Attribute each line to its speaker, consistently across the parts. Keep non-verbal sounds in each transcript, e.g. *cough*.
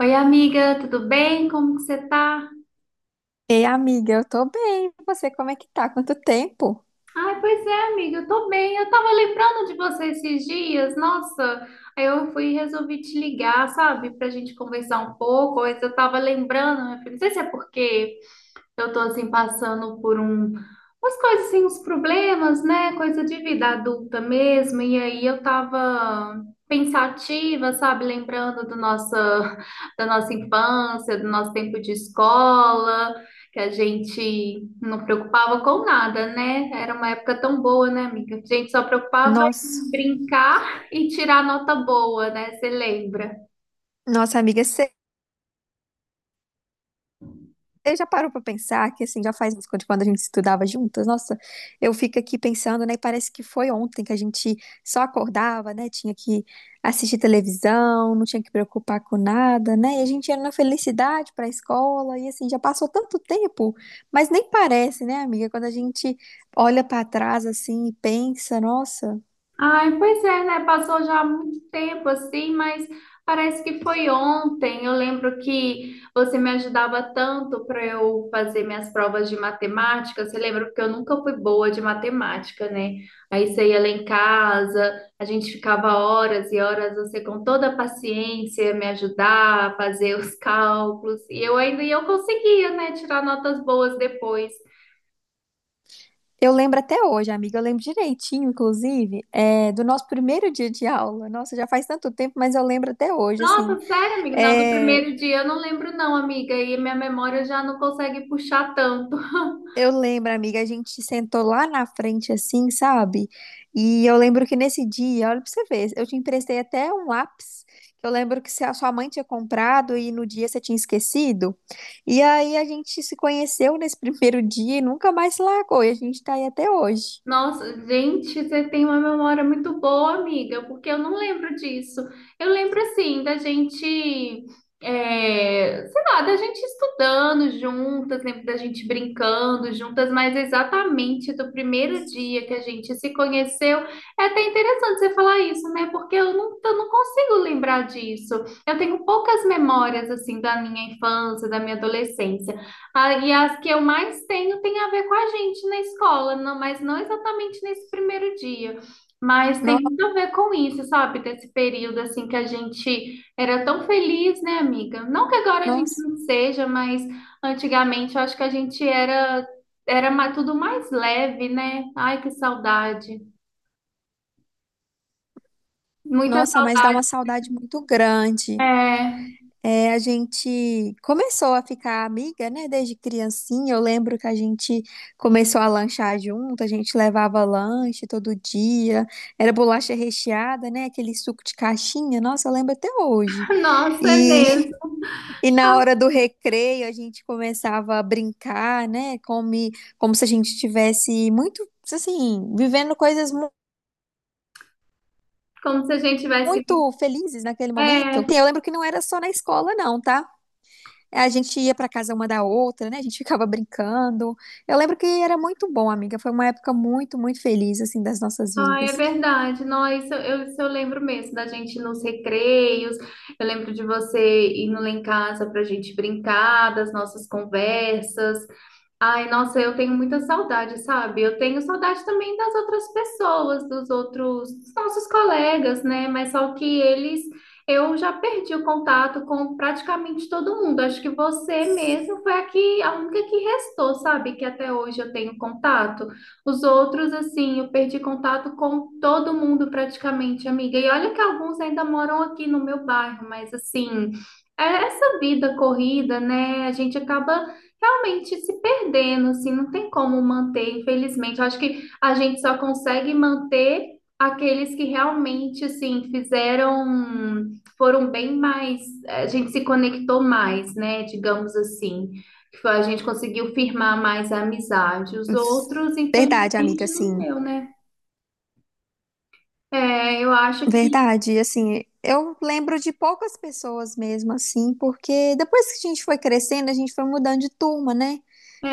Speaker 1: Oi, amiga, tudo bem? Como que você tá?
Speaker 2: Ei, amiga, eu tô bem. E você, como é que tá? Quanto tempo?
Speaker 1: Ai, pois é, amiga, eu tô bem. Eu tava lembrando de você esses dias, nossa. Aí eu fui e resolvi te ligar, sabe, pra gente conversar um pouco. Mas eu tava lembrando, minha filha, não sei se é porque. Eu tô assim passando por umas coisas assim, uns problemas, né? Coisa de vida adulta mesmo. E aí eu tava pensativa, sabe? Lembrando do nossa, *laughs* da nossa infância, do nosso tempo de escola, que a gente não preocupava com nada, né? Era uma época tão boa, né, amiga? A gente só preocupava
Speaker 2: Nossa,
Speaker 1: em brincar *laughs* e tirar nota boa, né? Você lembra?
Speaker 2: nossa amiga, você já parou pra pensar que assim, já faz uns quando a gente estudava juntas? Nossa, eu fico aqui pensando, né? Parece que foi ontem que a gente só acordava, né? Tinha que assistir televisão, não tinha que preocupar com nada, né? E a gente ia na felicidade pra escola e assim, já passou tanto tempo, mas nem parece, né, amiga? Quando a gente olha pra trás assim e pensa, nossa.
Speaker 1: Ai, pois é, né? Passou já há muito tempo assim, mas parece que foi ontem. Eu lembro que você me ajudava tanto para eu fazer minhas provas de matemática. Você lembra porque eu nunca fui boa de matemática, né? Aí você ia lá em casa, a gente ficava horas e horas, você com toda a paciência me ajudar a fazer os *laughs* cálculos. E eu ainda e eu conseguia, né, tirar notas boas depois.
Speaker 2: Eu lembro até hoje, amiga, eu lembro direitinho, inclusive, é, do nosso primeiro dia de aula. Nossa, já faz tanto tempo, mas eu lembro até hoje, assim.
Speaker 1: Nossa, sério, amigo? Não, do
Speaker 2: É,
Speaker 1: primeiro dia eu não lembro, não, amiga. E minha memória já não consegue puxar tanto. *laughs*
Speaker 2: eu lembro, amiga, a gente sentou lá na frente, assim, sabe? E eu lembro que nesse dia, olha pra você ver, eu te emprestei até um lápis. Que Eu lembro que se a sua mãe tinha comprado e no dia você tinha esquecido. E aí a gente se conheceu nesse *laughs* primeiro dia e nunca mais se largou. E a gente tá aí até hoje.
Speaker 1: Nossa, gente, você tem uma memória muito boa, amiga, porque eu não lembro disso. Eu lembro, assim, da gente, é, sei lá, da gente estudando juntas, lembro da gente brincando juntas, mas exatamente do primeiro dia que a gente se conheceu. É até interessante você falar isso, né? Porque eu não consigo lembrar disso. Eu tenho poucas memórias, assim, da minha infância, da minha adolescência. Ah, e as que eu mais tenho tem a ver com a gente na escola, não, mas não exatamente nesse primeiro dia. Mas tem
Speaker 2: No-
Speaker 1: muito a ver com isso, sabe? Desse período assim que a gente era tão feliz, né, amiga? Não que agora a gente
Speaker 2: Nossa,
Speaker 1: não seja, mas antigamente eu acho que a gente era era ma- tudo mais leve, né? Ai, que saudade. Muita
Speaker 2: nossa, mas dá
Speaker 1: saudade.
Speaker 2: uma saudade muito grande.
Speaker 1: É,
Speaker 2: É, a gente começou a ficar amiga, né? Desde criancinha. Eu lembro que a gente começou a lanchar junto, a gente levava lanche todo dia. Era bolacha recheada, né? Aquele suco de caixinha. Nossa, eu lembro até hoje.
Speaker 1: *laughs* nossa, é
Speaker 2: E,
Speaker 1: mesmo.
Speaker 2: *laughs* e na hora do recreio, a gente começava a brincar, né? Como, como se a gente estivesse muito, assim, vivendo coisas
Speaker 1: Como se a gente tivesse vivido.
Speaker 2: muito felizes naquele momento.
Speaker 1: É.
Speaker 2: E eu lembro que não era só na escola, não, tá? A gente ia para casa uma da outra, né? A gente ficava brincando. Eu lembro que era muito bom, amiga. Foi uma época muito, muito feliz, assim, das nossas
Speaker 1: Ah, é
Speaker 2: vidas.
Speaker 1: verdade. Não, isso eu lembro mesmo da gente ir nos recreios. Eu lembro de você indo lá em casa para a gente brincar, das nossas conversas. Ai, nossa, eu tenho muita saudade, sabe? Eu tenho saudade também das outras pessoas, dos outros, dos nossos colegas, né? Mas só que eles, eu já perdi o contato com praticamente todo mundo. Acho que você mesmo foi a única que restou, sabe? Que até hoje eu tenho contato. Os outros, assim, eu perdi contato com todo mundo praticamente, amiga. E olha que alguns ainda moram aqui no meu bairro, mas assim, é essa vida corrida, né? A gente acaba realmente se perdendo, assim, não tem como manter, infelizmente. Eu acho que a gente só consegue manter aqueles que realmente, assim, foram bem mais, a gente se conectou mais, né, digamos assim. A gente conseguiu firmar mais a amizade. Os outros,
Speaker 2: Verdade, amiga,
Speaker 1: infelizmente, não
Speaker 2: assim.
Speaker 1: deu, né? É, eu acho que.
Speaker 2: Verdade, e assim, eu lembro de poucas pessoas mesmo assim, porque depois que a gente foi crescendo, a gente foi mudando de turma, né?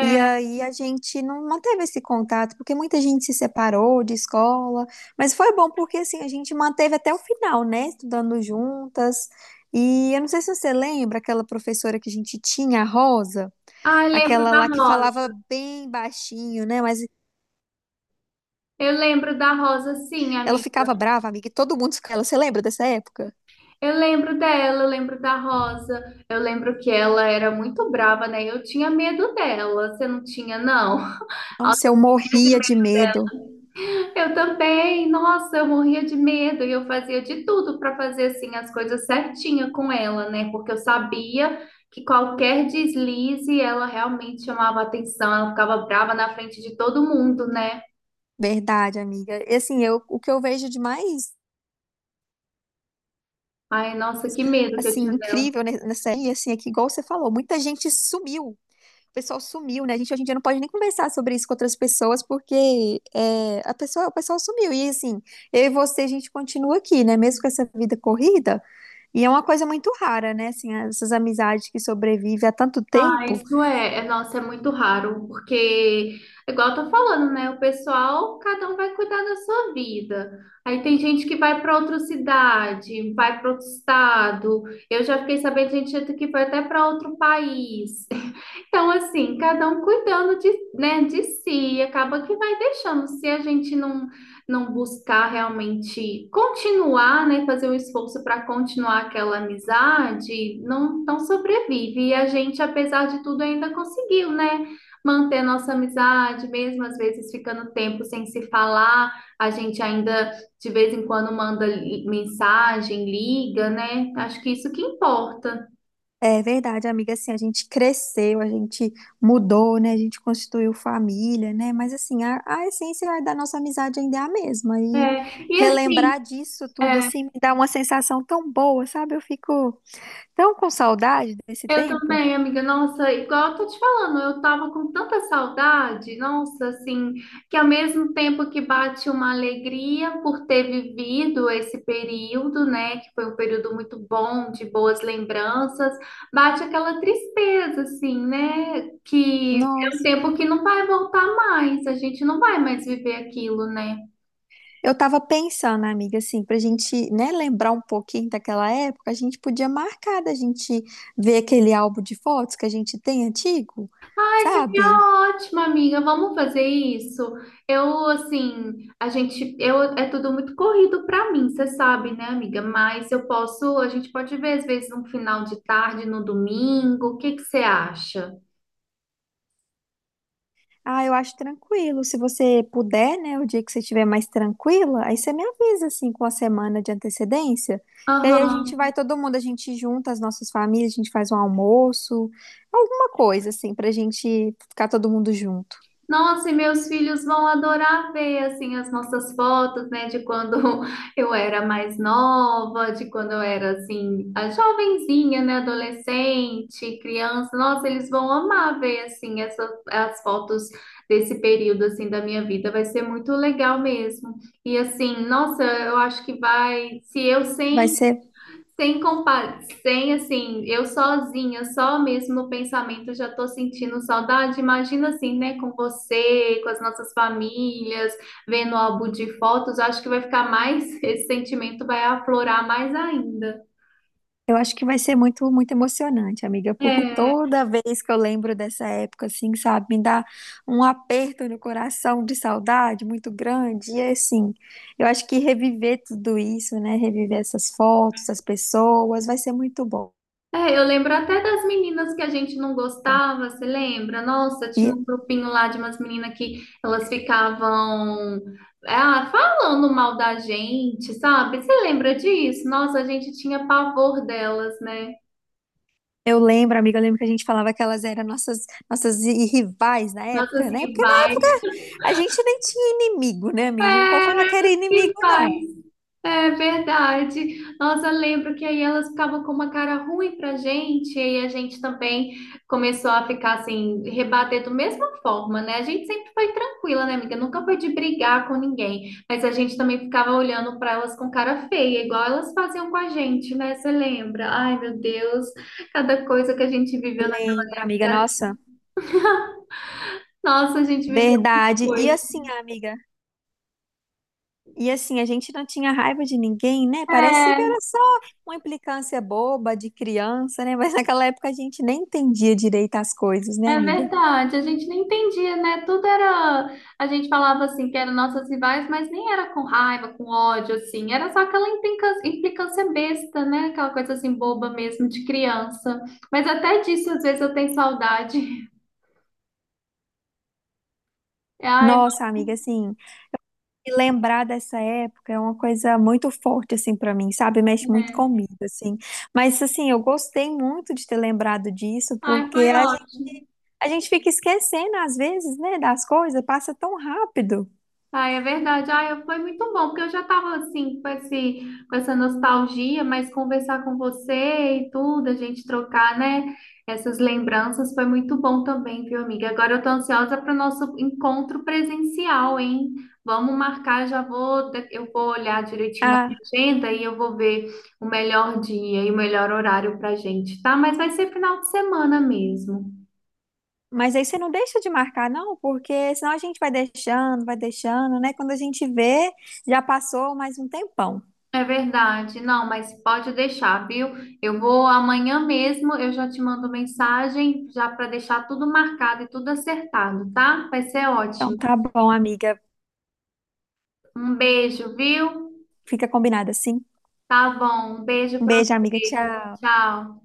Speaker 2: E aí a gente não manteve esse contato, porque muita gente se separou de escola, mas foi bom porque assim, a gente manteve até o final, né? Estudando juntas. E eu não sei se você lembra aquela professora que a gente tinha, a Rosa,
Speaker 1: Ah, eu lembro
Speaker 2: aquela
Speaker 1: da
Speaker 2: lá que falava
Speaker 1: Rosa.
Speaker 2: bem baixinho, né? Mas
Speaker 1: Eu lembro da Rosa, sim,
Speaker 2: ela
Speaker 1: amiga.
Speaker 2: ficava brava, amiga, e todo mundo ficava. Você lembra dessa época?
Speaker 1: Eu lembro dela, eu lembro da Rosa, eu lembro que ela era muito brava, né? Eu tinha medo dela, você não tinha, não? *laughs* Nossa,
Speaker 2: Nossa,
Speaker 1: eu
Speaker 2: eu
Speaker 1: morria de
Speaker 2: morria
Speaker 1: medo.
Speaker 2: de medo.
Speaker 1: Eu também, nossa, eu morria de medo e eu fazia de tudo para fazer assim as coisas certinha com ela, né? Porque eu sabia que qualquer deslize ela realmente chamava atenção, ela ficava brava na frente de todo mundo, né?
Speaker 2: Verdade, amiga. E assim, eu, o que eu vejo de mais
Speaker 1: Ai, nossa, que medo que eu
Speaker 2: assim
Speaker 1: tinha.
Speaker 2: incrível nessa aí, assim, é que igual você falou, muita gente sumiu. O pessoal sumiu, né? A gente hoje em dia não pode nem conversar sobre isso com outras pessoas, porque é, a pessoa, o pessoal sumiu. E assim, eu e você, a gente continua aqui, né? Mesmo com essa vida corrida. E é uma coisa muito rara, né? Assim, essas amizades que sobrevivem há tanto
Speaker 1: Ah,
Speaker 2: tempo.
Speaker 1: nossa, é muito raro, porque, igual eu tô falando, né? O pessoal, cada um vai cuidar da sua vida. Aí tem gente que vai para outra cidade, vai para outro estado. Eu já fiquei sabendo de gente que foi até para outro país. *laughs* Então, assim, cada um cuidando de, né, de si, acaba que vai deixando. Se a gente não buscar realmente continuar, né, fazer um esforço para continuar aquela amizade, não sobrevive. E a gente, apesar de tudo, ainda conseguiu, né, manter a nossa amizade, mesmo às vezes ficando tempo sem se falar, a gente ainda de vez em quando mensagem, liga, né? Acho que isso que importa.
Speaker 2: É verdade, amiga. Assim, a gente cresceu, a gente mudou, né? A gente constituiu família, né? Mas assim, a essência da nossa amizade ainda é a mesma.
Speaker 1: É,
Speaker 2: E
Speaker 1: e assim,
Speaker 2: relembrar disso tudo
Speaker 1: é.
Speaker 2: assim me dá uma sensação tão boa, sabe? Eu fico tão com saudade desse
Speaker 1: Eu
Speaker 2: tempo.
Speaker 1: também, amiga. Nossa, igual eu tô te falando, eu tava com tanta saudade, nossa, assim, que ao mesmo tempo que bate uma alegria por ter vivido esse período, né, que foi um período muito bom, de boas lembranças, bate aquela tristeza, assim, né, que é um
Speaker 2: Nossa.
Speaker 1: tempo que não vai voltar mais, a gente não vai mais viver aquilo, né?
Speaker 2: Eu tava pensando, amiga, assim, pra gente, né, lembrar um pouquinho daquela época, a gente podia marcar da gente ver aquele álbum de fotos que a gente tem antigo,
Speaker 1: Seria
Speaker 2: sabe?
Speaker 1: ótimo, amiga. Vamos fazer isso. Eu, assim, a gente, eu, é tudo muito corrido pra mim, você sabe, né, amiga? Mas a gente pode ver às vezes um final de tarde no domingo. O que que você acha?
Speaker 2: Ah, eu acho tranquilo. Se você puder, né, o dia que você estiver mais tranquila, aí você me avisa, assim, com a semana de antecedência, que aí a gente
Speaker 1: Aham.
Speaker 2: vai todo mundo, a gente junta as nossas famílias, a gente faz um almoço, alguma coisa, assim, pra gente ficar todo mundo junto.
Speaker 1: Nossa, e meus filhos vão adorar ver assim as nossas fotos, né, de quando *laughs* eu era mais nova, de quando eu era assim, a jovenzinha, né, adolescente, criança. Nossa, eles vão amar ver assim essas as fotos desse período assim da minha vida. Vai ser muito legal mesmo. E assim, nossa, eu acho que vai, se eu
Speaker 2: Vai
Speaker 1: sem
Speaker 2: ser.
Speaker 1: sem compa, sem assim, eu sozinha, só mesmo no pensamento já tô sentindo saudade. Imagina assim, né, com você, com as nossas famílias, vendo o álbum de fotos, acho que vai ficar mais, *laughs* esse sentimento vai aflorar mais ainda.
Speaker 2: Eu acho que vai ser muito, muito emocionante, amiga, porque
Speaker 1: É.
Speaker 2: toda vez que eu lembro dessa época, assim, sabe, me dá um aperto no coração de saudade muito grande. E é assim, eu acho que reviver tudo isso, né, reviver essas fotos, as pessoas, vai ser muito bom.
Speaker 1: É, eu lembro até das meninas que a gente não gostava, você lembra? Nossa, tinha
Speaker 2: E
Speaker 1: um grupinho lá de umas meninas que elas ficavam, ah, falando mal da gente, sabe? Você lembra disso? Nossa, a gente tinha pavor delas, né?
Speaker 2: eu lembro, amiga, eu lembro que a gente falava que elas eram nossas, nossas rivais na
Speaker 1: Nossas
Speaker 2: época, né? Porque na
Speaker 1: rivais.
Speaker 2: época a gente nem tinha inimigo, né, amiga? A gente não pode falar
Speaker 1: Era,
Speaker 2: que era inimigo, não.
Speaker 1: rivais. É verdade. Nossa, lembro que aí elas ficavam com uma cara ruim pra gente, e a gente também começou a ficar assim, rebater da mesma forma, né? A gente sempre foi tranquila, né, amiga? Nunca foi de brigar com ninguém, mas a gente também ficava olhando pra elas com cara feia, igual elas faziam com a gente, né? Você lembra? Ai, meu Deus, cada coisa que a gente viveu na
Speaker 2: Lembro, amiga,
Speaker 1: vida.
Speaker 2: nossa.
Speaker 1: Nossa, a gente viveu
Speaker 2: Verdade. E
Speaker 1: coisa.
Speaker 2: assim, amiga. E assim, a gente não tinha raiva de ninguém, né? Parecia que
Speaker 1: É.
Speaker 2: era só uma implicância boba de criança, né? *laughs* Mas naquela época a gente nem entendia direito as coisas, né,
Speaker 1: É
Speaker 2: amiga?
Speaker 1: verdade, a gente nem entendia, né? Tudo era. A gente falava assim que eram nossas rivais, mas nem era com raiva, com ódio, assim. Era só aquela implicância, implicância besta, né? Aquela coisa assim boba mesmo, de criança. Mas até disso, às vezes, eu tenho saudade. *laughs* Ai,
Speaker 2: Nossa, amiga, assim, e lembrar dessa época é uma coisa muito forte, assim, pra mim, sabe? Mexe muito
Speaker 1: é.
Speaker 2: comigo, assim. Mas, assim, eu gostei muito de ter lembrado disso,
Speaker 1: Ai,
Speaker 2: porque
Speaker 1: foi ótimo.
Speaker 2: a gente fica esquecendo, às vezes, né, das coisas, passa tão rápido.
Speaker 1: Ah, é verdade. Foi muito bom, porque eu já estava assim, com essa nostalgia, mas conversar com você e tudo, a gente trocar, né, essas lembranças foi muito bom também, viu, amiga? Agora eu tô ansiosa para o nosso encontro presencial, hein? Vamos marcar, eu vou olhar direitinho na minha agenda e eu vou ver o melhor dia e o melhor horário pra gente, tá? Mas vai ser final de semana mesmo.
Speaker 2: Mas aí você não deixa de marcar, não, porque senão a gente vai deixando, né? Quando a gente vê, já passou mais um tempão.
Speaker 1: É verdade, não, mas pode deixar, viu? Eu vou amanhã mesmo, eu já te mando mensagem já para deixar tudo marcado e tudo acertado, tá? Vai ser
Speaker 2: Então
Speaker 1: ótimo.
Speaker 2: tá bom, amiga.
Speaker 1: Um beijo, viu?
Speaker 2: Fica combinado assim.
Speaker 1: Tá bom, um beijo
Speaker 2: Um
Speaker 1: para
Speaker 2: beijo, amiga.
Speaker 1: você.
Speaker 2: Tchau.
Speaker 1: Tchau.